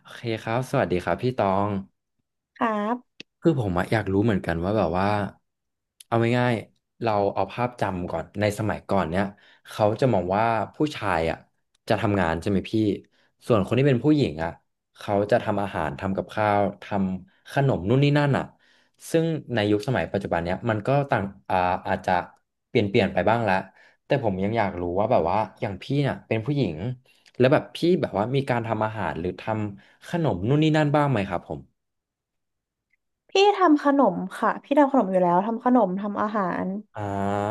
โอเคครับ สวัสดีครับพี่ตอง ครับคือผมอะอยากรู้เหมือนกันว่าแบบว่าเอาง่ายๆเราเอาภาพจำก่อนในสมัยก่อนเนี่ยเขาจะมองว่าผู้ชายอ่ะจะทำงานใช่ไหมพี่ส่วนคนที่เป็นผู้หญิงอ่ะเขาจะทำอาหารทำกับข้าวทำขนมนู่นนี่นั่นอ่ะซึ่งในยุคสมัยปัจจุบันเนี้ยมันก็ต่างอ่าอาจจะเปลี่ยนไปบ้างแล้วแต่ผมยังอยากรู้ว่าแบบว่าอย่างพี่เนี่ยเป็นผู้หญิงแล้วแบบพี่แบบว่ามีการทำอาหารหรือทำขนมนู่นนี่นั่นบ้างไหมครับผมพี่ทำขนมค่ะพี่ทำขนมอยู่แล้วทำขนมทำอาหารอ่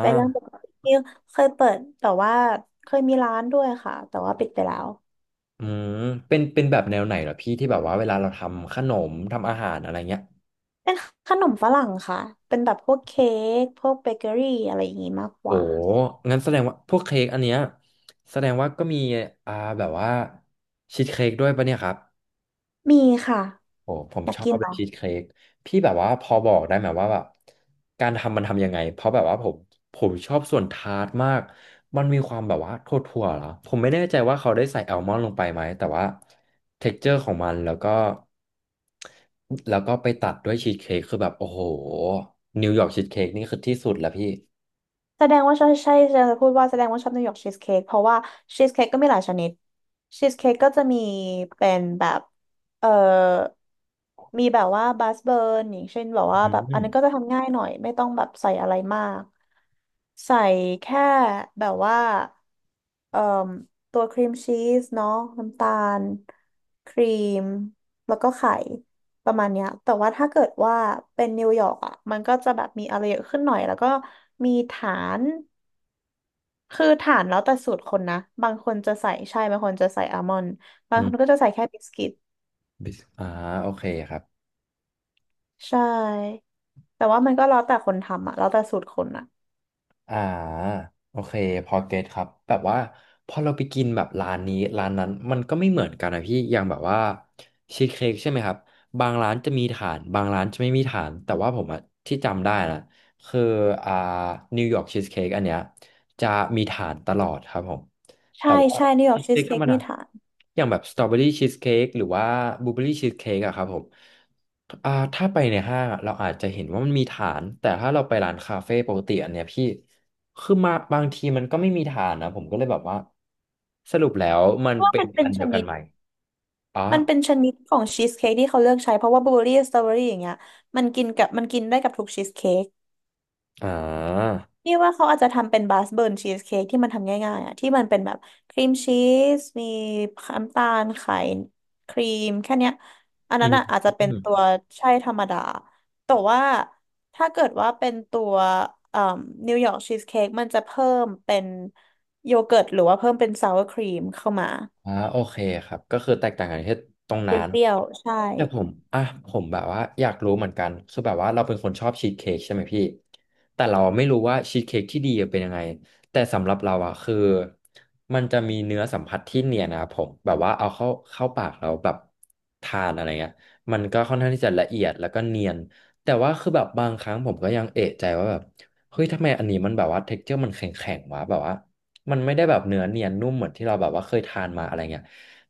เป็นเรื่องปกติที่เคยเปิดแต่ว่าเคยมีร้านด้วยค่ะแต่ว่าปิดไปแล้วอืมเป็นแบบแนวไหนเหรอพี่ที่แบบว่าเวลาเราทำขนมทำอาหารอะไรเงี้ยเป็นขนมฝรั่งค่ะเป็นแบบพวกเค้กพวกเบเกอรี่อะไรอย่างงี้มากกโอ้ว่างั้นแสดงว่าพวกเค้กอันเนี้ยแสดงว่าก็มีอ่าแบบว่าชีสเค้กด้วยปะเนี่ยครับ มีค่ะโอ้ผมอยากชอกิบนเหเลรยอ ชีสเค้กพี่แบบว่าพอบอกได้ไหมว่าแบบการทำมันทำยังไงเพราะแบบว่าผมชอบส่วนทาร์ตมากมันมีความแบบว่าทั่วๆเหรอผมไม่แน่ใจว่าเขาได้ใส่แอลมอนด์ลงไปไหมแต่ว่าเท็กเจอร์ของมันแล้วก็ไปตัดด้วยชีสเค้กคือแบบโอ้โหนิวยอร์กชีสเค้กนี่คือที่สุดแล้วพี่แสดงว่าใช่ใช่จะพูดว่าแสดงว่าชอบนิวยอร์กชีสเค้กเพราะว่าชีสเค้กก็มีหลายชนิดชีสเค้กก็จะมีเป็นแบบเอ่อมีแบบว่าบัสเบิร์นอย่างเช่นแบบว่าอืแบบอันมนั้นก็จะทำง่ายหน่อยไม่ต้องแบบใส่อะไรมากใส่แค่แบบว่าเอ่อตัวครีมชีสเนาะน้ำตาลครีมแล้วก็ไข่ ประมาณเนี้ยแต่ว่าถ้าเกิดว่าเป็นนิวยอร์กอ่ะมันก็จะแบบมีอะไรเยอะขึ้นหน่อย แล้วก็มีฐาน คือฐานแล้วแต่สูตรคนนะบางคนจะใส่ใช่บางคนจะใส่อัลมอนด์บางอืคนก็มจะใส่แค่บิสกิตบิสอ่าโอเคครับ ใช่แต่ว่ามันก็แล้วแต่คนทำอ่ะแล้วแต่สูตรคนอ่ะอ่าโอเคพอเก็ตครับแบบว่าพอเราไปกินแบบร้านนี้ร้านนั้นมันก็ไม่เหมือนกันนะพี่อย่างแบบว่าชีสเค้กใช่ไหมครับบางร้านจะมีฐานบางร้านจะไม่มีฐานแต่ว่าผมอะที่จำได้นะคืออ่านิวยอร์กชีสเค้กอันเนี้ยจะมีฐานตลอดครับผมแต่ใช่ว่าใช่นิวยอชีร์กสชีเค้สกธรเค้กรมดามีฐานอย่างแบบสตรอเบอรี่ชีสเค้กหรือว่าบลูเบอรี่ชีสเค้กอะครับผมอ่าถ้าไปในห้างอะเราอาจจะเห็นว่ามันมีฐานแต่ถ้าเราไปร้านคาเฟ่ปกติอันเนี้ยพี่ คือมาบางทีมันก็ไม่มีฐานนะผมก็เลยแบบว่าสรุปแล้วมันเพราะว่าเป็มันนเป็อันนชเดียวกันินดไหมอ๋อมันเป็นชนิดของชีสเค้กที่เขาเลือกใช้เพราะว่าบลูเบอร์รี่สตรอเบอรี่อย่างเงี้ยมันกินกับมันกินได้กับทุกชีสเค้ก อ่านี่ว่าเขาอาจจะทำเป็นบาสเบิร์นชีสเค้กที่มันทำง่ายๆอ่ะที่มันเป็นแบบครีมชีสมีน้ำตาลไข่ครีมแค่เนี้ยอันอืนั้นอ่ะอาจจะเป็นตัวม ใช่ธรรมดาแต่ว่าถ้าเกิดว่าเป็นตัวเอ่อนิวยอร์กชีสเค้กมันจะเพิ่มเป็นโยเกิร์ตหรือว่าเพิ่มเป็นซาวร์ครีมเข้ามาอ่าโอเคครับก็คือแตกต่างกันที่ตรงเปนั้นรี้ยวๆใช่ แต่ผมอ่ะผมแบบว่าอยากรู้เหมือนกันคือแบบว่าเราเป็นคนชอบชีสเค้กใช่ไหมพี่แต่เราไม่รู้ว่าชีสเค้กที่ดีเป็นยังไงแต่สำหรับเราอ่ะคือมันจะมีเนื้อสัมผัสที่เนียนนะครับผมแบบว่าเอาเข้าปากเราแบบทานอะไรเงี้ยมันก็ค่อนข้างที่จะละเอียดแล้วก็เนียนแต่ว่าคือแบบบางครั้งผมก็ยังเอะใจว่าแบบเฮ้ยทำไมอันนี้มันแบบว่าเท็กเจอร์มันแข็งๆวะแบบว่า มันไม่ได้แบบเนื้อเนียนนุ่มเหมือนที่เราแบบว่าเคยทานมาอะไรเงี้ย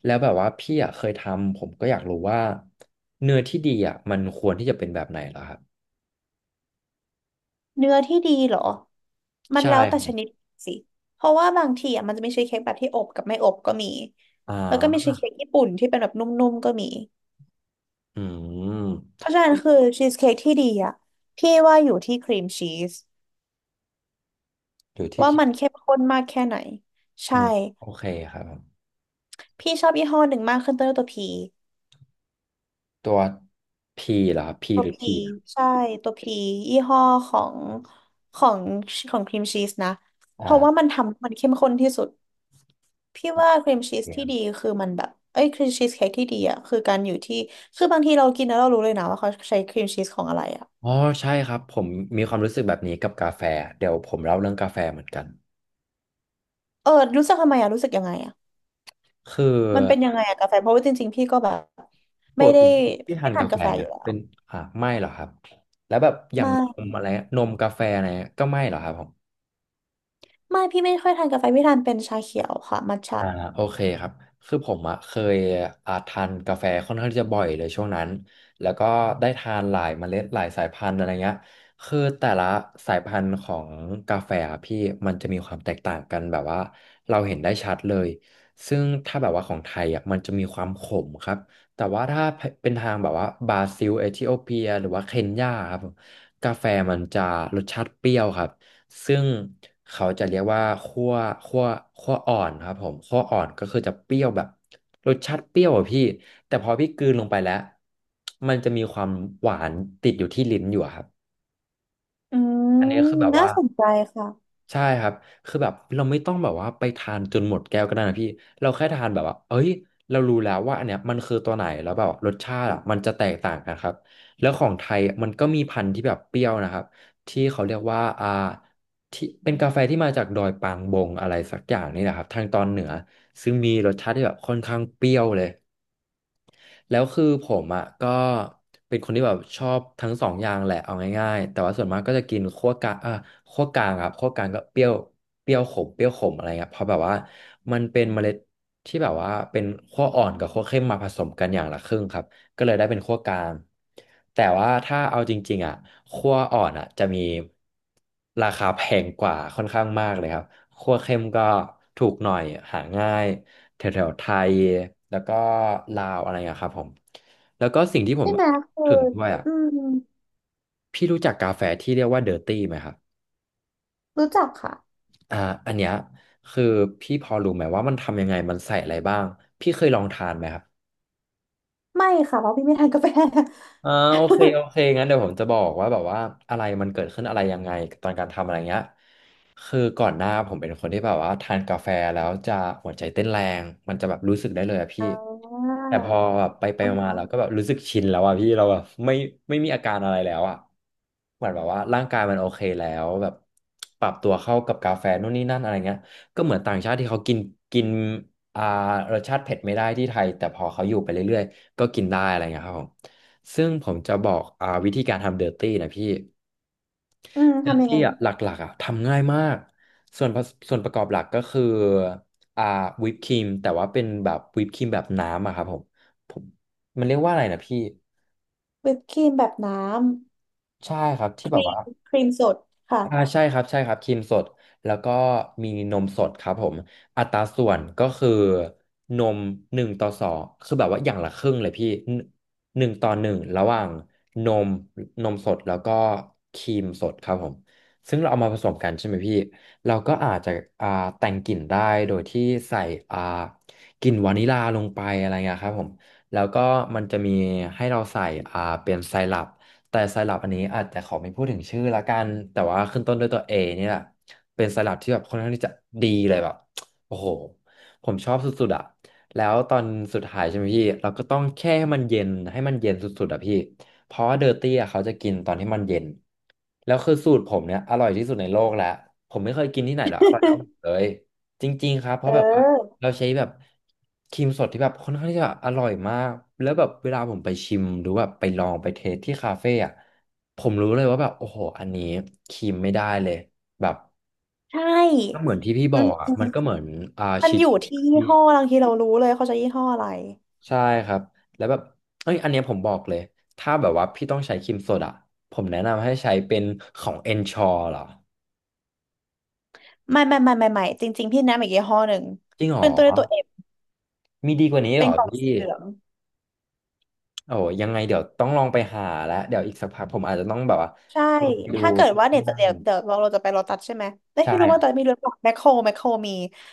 แล้วแบบว่าพี่อ่ะเคยทำผมก็อยากรู้ว่าเนื้อที่ดีอ่ะมันควรที่จะเป็นแบบไหนเหรอครับเนื้อที่ดีเหรอมันใช่แล้วแต่คชรันิดบสิเพราะว่าบางทีอ่ะมันจะมีชีสเค้กแบบที่อบกับไม่อบก็มีอ่แล้วก็มีาชีสเค้กญี่ปุ่นที่เป็นแบบนุ่มๆก็มีอืเพมราะฉะนั้นคือชีสเค้กที่ดีอ่ะพี่ว่าอยู่ที่ครีมชีสอยู่ที่ว่าคิดมันเข้มข้นมากแค่ไหนอืใช่มโอเคครับผมพี่ชอบยี่ห้อหนึ่งมากขึ้นต้นด้วยตัวพีตัวพีเหรอครับพีตัหวรือพีทีอะใช่ตัวพียี่ห้อของของของครีมชีสนะเพราะว่ามัอ่านทำให้มันเข้มข้นที่สุด พี่ว่าครีมโอชีเคสคที่รัดีบคือมันแบบเอ้ยครีมชีสเค้กที่ดีอ่ะคือการอยู่ที่คือบางทีเรากินแล้วเรารู้เลยนะว่าเขาใช้ครีมชีสของอะไรอ่ะอ๋อใช่ครับผมมีความรู้สึกแบบนี้กับกาแฟเดี๋ยวผมเล่าเรื่องกาแฟเหมือนกันเออรู้สึกทำไมอ่ะรู้สึกยังไงอ่ะคือ มันเป็นยังไงอ่ะกาแฟเพราะว่าจริงๆพี่ก็แบบปไม่กได้ติที่พี่ทาไม่นทากานแฟกาแฟไหมอยู่แล้เป็วนอ่าไม่เหรอครับแล้วแบบอย่างไม่นมอะไรนมกาแฟอะไรก็ไม่เหรอครับผม ไม่พี่ไม่ค่อยทานกาแฟพี่ทานเป็นชาเขียวค่ะมัทฉะอ่าโอเคครับคือผมอะเคยอ่าทานกาแฟค่อนข้างที่จะบ่อยเลยช่วงนั้นแล้วก็ได้ทานหลายเมล็ดหลายสายพันธุ์อะไรเงี้ยคือแต่ละสายพันธุ์ของกาแฟอะพี่มันจะมีความแตกต่างกันแบบว่าเราเห็นได้ชัดเลยซึ่งถ้าแบบว่าของไทยอ่ะมันจะมีความขมครับแต่ว่าถ้าเป็นทางแบบว่าบราซิลเอธิโอเปียหรือว่าเคนยาครับกาแฟมันจะรสชาติเปรี้ยวครับ ซึ่งเขาจะเรียกว่าคั่วคั่วอ่อนครับผมคั่วอ่อนก็คือจะเปรี้ยวแบบรสชาติเปรี้ยวอะพี่แต่พอพี่กลืนลงไปแล้วมันจะมีความหวานติดอยู่ที่ลิ้นอยู่อะครับอืมอันนี้คือแบบน่าว่า สนใจค่ะใช่ครับคือแบบเราไม่ต้องแบบว่าไปทานจนหมดแก้วก็ได้นะพี่เราแค่ทานแบบว่าเอ้ยเรารู้แล้วว่าอันเนี้ยมันคือตัวไหนแล้วแบบรสชาติอะมันจะแตกต่างกันครับ แล้วของไทยมันก็มีพันธุ์ที่แบบเปรี้ยวนะครับที่เขาเรียกว่าอ่าที่เป็นกาแฟที่มาจากดอยปางบงอะไรสักอย่างนี่แหละครับทางตอนเหนือซึ่งมีรสชาติที่แบบค่อนข้างเปรี้ยวเลย แล้วคือผมอ่ะก็เป็นคนที่แบบชอบทั้งสองอย่างแหละเอาง่ายๆแต่ว่าส่วนมากก็จะกินคั่วกลางอ่ะคั่วกลางครับคั่วกลางก็เปรี้ยวเปรี้ยวขมเปรี้ยวขมอะไรเงี้ยเพราะแบบว่ามันเป็นเมล็ดที่แบบว่าเป็นคั่วอ่อนกับคั่วเข้มมาผสมกันอย่างละครึ่งครับก็เลยได้เป็นคั่วกลางแต่ว่าถ้าเอาจริงๆอ่ะคั่วอ่อนอ่ะจะมีราคาแพงกว่าค่อนข้างมากเลยครับ ครัวเค็มก็ถูกหน่อยหาง่ายแถวๆไทยแล้วก็ลาวอะไรอย่างเงี้ยครับผมแล้วก็สิ่งที่ผมใช่ไหมคือถึงด้วยอ่ะอืมพี่รู้จักกาแฟที่เรียกว่าเดอร์ตี้ไหมครับรู้จักค่ะอ่าอันเนี้ยคือพี่พอรู้ไหมว่ามันทำยังไงมันใส่อะไรบ้างพี่เคยลองทานไหมครับ ไม่ค่ะเพราะพี่ไม่ทานกาแฟ อ่าโอเคโอเค งั้นเดี๋ยวผมจะบอกว่าแบบว่าอะไรมันเกิดขึ้นอะไรยังไงตอนการทำอะไรเงี้ยคือก่อนหน้าผมเป็นคนที่แบบว่าทานกาแฟแล้วจะหัวใจเต้นแรงมันจะแบบรู้สึกได้เลยอะพี่อ่าแต่พอแบบไปมาเราก็แบบรู้สึกชินแล้วอะพี่เราแบบไม่มีอาการอะไรแล้วอะเหมือนแบบว่าร่างกายมันโอเคแล้วแบบปรับตัวเข้ากับกาแฟนู่นนี่นั่นอะไรเงี้ยก็เหมือนต่างชาติที่เขากินกินอ่ารสชาติเผ็ดไม่ได้ที่ไทยแต่พอเขาอยู่ไปเรื่อยๆก็กินได้อะไรเงี้ยครับผม ซึ่งผมจะบอกวิธีการทำเดอร์ตี้นะพี่อืมเดอร์ทำยังตี้ไง อ่ะหลักๆอ่ะทำง่ายมากส่วนประกอบหลักก็คืออ่าวิปครีมแต่ว่าเป็นแบบวิปครีมแบบน้ำอะครับผมผมมันเรียกว่าอะไรนะพี่วิปครีมแบบน้ใช่ครับที่ำคแบบรีว่า มครีมสดค่ะ อ่าใช่ครับใช่ครับครีมสดแล้วก็มีนมสดครับผมอัตราส่วนก็คือนม1:2คือแบบว่าอย่างละครึ่งเลยพี่หนึ่ง1:1ระหว่างนมนมสดแล้วก็ครีมสดครับผมซึ่งเราเอามาผสมกันใช่ไหมพี่เราก็อาจจะอ่าแต่งกลิ่นได้โดยที่ใส่อ่ากลิ่นวานิลลาลงไปอะไรเงี้ยครับผมแล้วก็มันจะมีให้เราใส่เป็นไซรัป แต่ไซรัปอันนี้อาจจะขอไม่พูดถึงชื่อละกันแต่ว่าขึ้นต้นด้วยตัว A นี่แหละเป็นไซรัปที่แบบค่อนข้างที่จะดีเลยแบบโอ้โหผมชอบสุดๆอะแล้วตอนสุดท้ายใช่ไหมพี่เราก็ต้องแค่ให้มันเย็นให้มันเย็นสุดๆอะพี่เพราะว่าเดอร์ตี้อะเขาจะกินตอนที่มันเย็นแล้วคือสูตรผมเนี่ยอร่อยที่สุดในโลกแล้วผมไม่เคยกินที่ไหนแล้วอร่อยเท่าผม เลยจริงๆครับเพเอราะแบบว่า อเราใช้แบบครีมสดที่แบบค่อนข้างที่จะอร่อยมากแล้วแบบเวลาผมไปชิมหรือแบบไปลองไปเทสที่คาเฟ่อะผมรู้เลยว่าแบบโอ้โหอันนี้ครีมไม่ได้เลยแบบใชก็่เหมือนที่พี่บอือมกอะมันก็เหมือนมันชีสอยู่เค้กที่อะยี่พี่ห้อบางทีเรารู้เลยเขาจะยี่ห้ออะไรใช่ครับแล้วแบบเอ้ยอันเนี้ยผมบอกเลยถ้าแบบว่าพี่ต้องใช้ครีมสดอะผมแนะนำให้ใช้เป็นของ Ensure เหรอไม่ไม่ไม่ไม่ไม่จริงๆพี่แนะนำอีกยี่ห้อหนึ่งจริงเหรอขึ้นตัวด้วยตัวเอฟมีดีกว่านี้เหเป็รนอกล่องพี่ สีเหลืองโอ้ยังไงเดี๋ยวต้องลองไปหาแล้วเดี๋ยวอีกสักพักผมอาจจะต้องแบบว่าใช่ไปดูถ้าเกิดว่าเนี่ยจะบ้าเดี๋ยงวเดี๋ยวเราจะไปโลตัสใช่ไหมเอ้ยใช่ไม่รู้คว่ารัตอนนี้บมีหรือเปล่าแมคโครแมคโครมี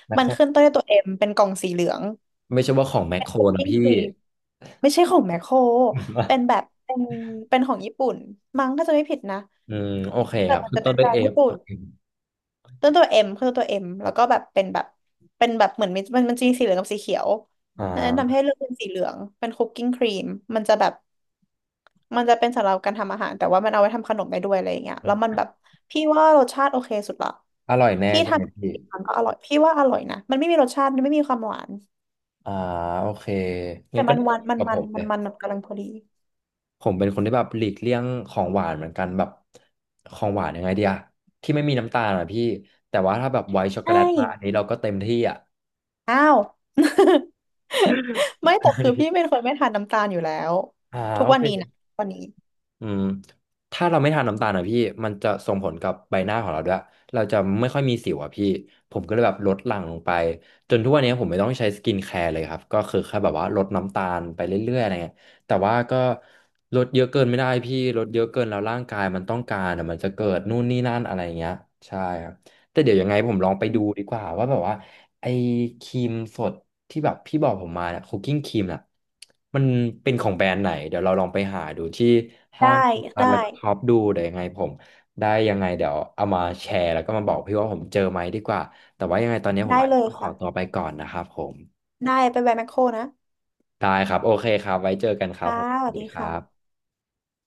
แมคมัโคนขึ้นต้รนด้วยตัวเอ็มเป็นกล่องสีเหลืองไม่ใช่ว่าของแมคเป็โคนรคุกนะกิ้งพี่ ครีมไม่ใช่ของแมคโครเป็นแบบ เป็นเป็นของญี่ปุ่นมั้งถ้าจะไม่ผิดนะ อืมโอเคคแต่รับมันขึ้นจะต้เป็นนด้วยร้าเอนฟญี่ปุ่ตันวเองต้นตัวเอ็มคือตัวเอ็มแล้วก็แบบเป็นแบบเป็นแบบเหมือนมันจะมีสีเหลืองกับสีเขียวอ่แนะนำให้าเลือกเป็นสีเหลืองเป็นคุกกิ้งครีมมันจะแบบมันจะเป็นสำหรับการทำอาหารแต่ว่ามันเอาไว้ทำขนมได้ด้วยอะไรอย่างเงี้ยแล้วมันแบบพี่ว่ารสชาติโอเคสุดละอร่อยแน่พี่ทใช่ไหมพี่ำกี่ครั้งก็อร่อยพี่ว่าอร่อยนะมันไม่มีรสชาติมันไม่มีความหวานอ่าโอเคงั้แต่นก็มันน่าหจะวานเหมือนมันกับมัผนมเลมันยมันกำลังพอดีผมเป็นคนที่แบบหลีกเลี่ยงของหวานเหมือนกันแบบของหวานยังไงเดียที่ไม่มีน้ำตาลอะพี่แต่ว่าถ้าแบบไวท์ช็อกโกใช่แลตมาอันนี้เราก็เต็มที่อ่ะอ้าว ไม่แต่คือพี่เป็นคนไม่ทานน้ำตาลอยู่แล้วอ่าทุกโอวัเค นนี้นะวันนี้ อืมถ้าเราไม่ทานน้ำตาลนะพี่มันจะส่งผลกับใบหน้าของเราด้วยเราจะไม่ค่อยมีสิวอ่ะพี่ผมก็เลยแบบลดหลั่งลงไปจนทุกวันนี้ผมไม่ต้องใช้สกินแคร์เลยครับก็คือแค่แบบว่าลดน้ำตาลไปเรื่อยๆอะไรเงี้ยแต่ว่าก็ลดเยอะเกินไม่ได้พี่ลดเยอะเกินแล้วร่างกายมันต้องการอ่ะมันจะเกิดนู่นนี่นั่นอะไรเงี้ยใช่ครับแต่เดี๋ยวยังไงผมลองไปดูดีกว่าว่าแบบว่าไอ้ครีมสด ที่แบบพี่บอกผมมาเนี่ยคุกกิ้งครีมน่ะมันเป็นของแบรนด์ไหนเดี๋ยวเราลองไปหาดูที่ห้าได้งสรรพสินค้าได้แล้วก็ช็อปดูเดี๋ยวยังไงผมได้ยังไงเดี๋ยวเอามาแชร์แล้วก็มาบอกพี่ว่าผมเจอไหมดีกว่าแต่ว่ายังไงตอนนี้ผมได้อาจเลจะยต้องขอตัวค่ะไปก่อนนะครับผมได้ไปแวะแมคโครนะได้ครับโอเคครับไว้เจอกันครับค่ะผมสสวัวัสสดีดีครัค่ะบ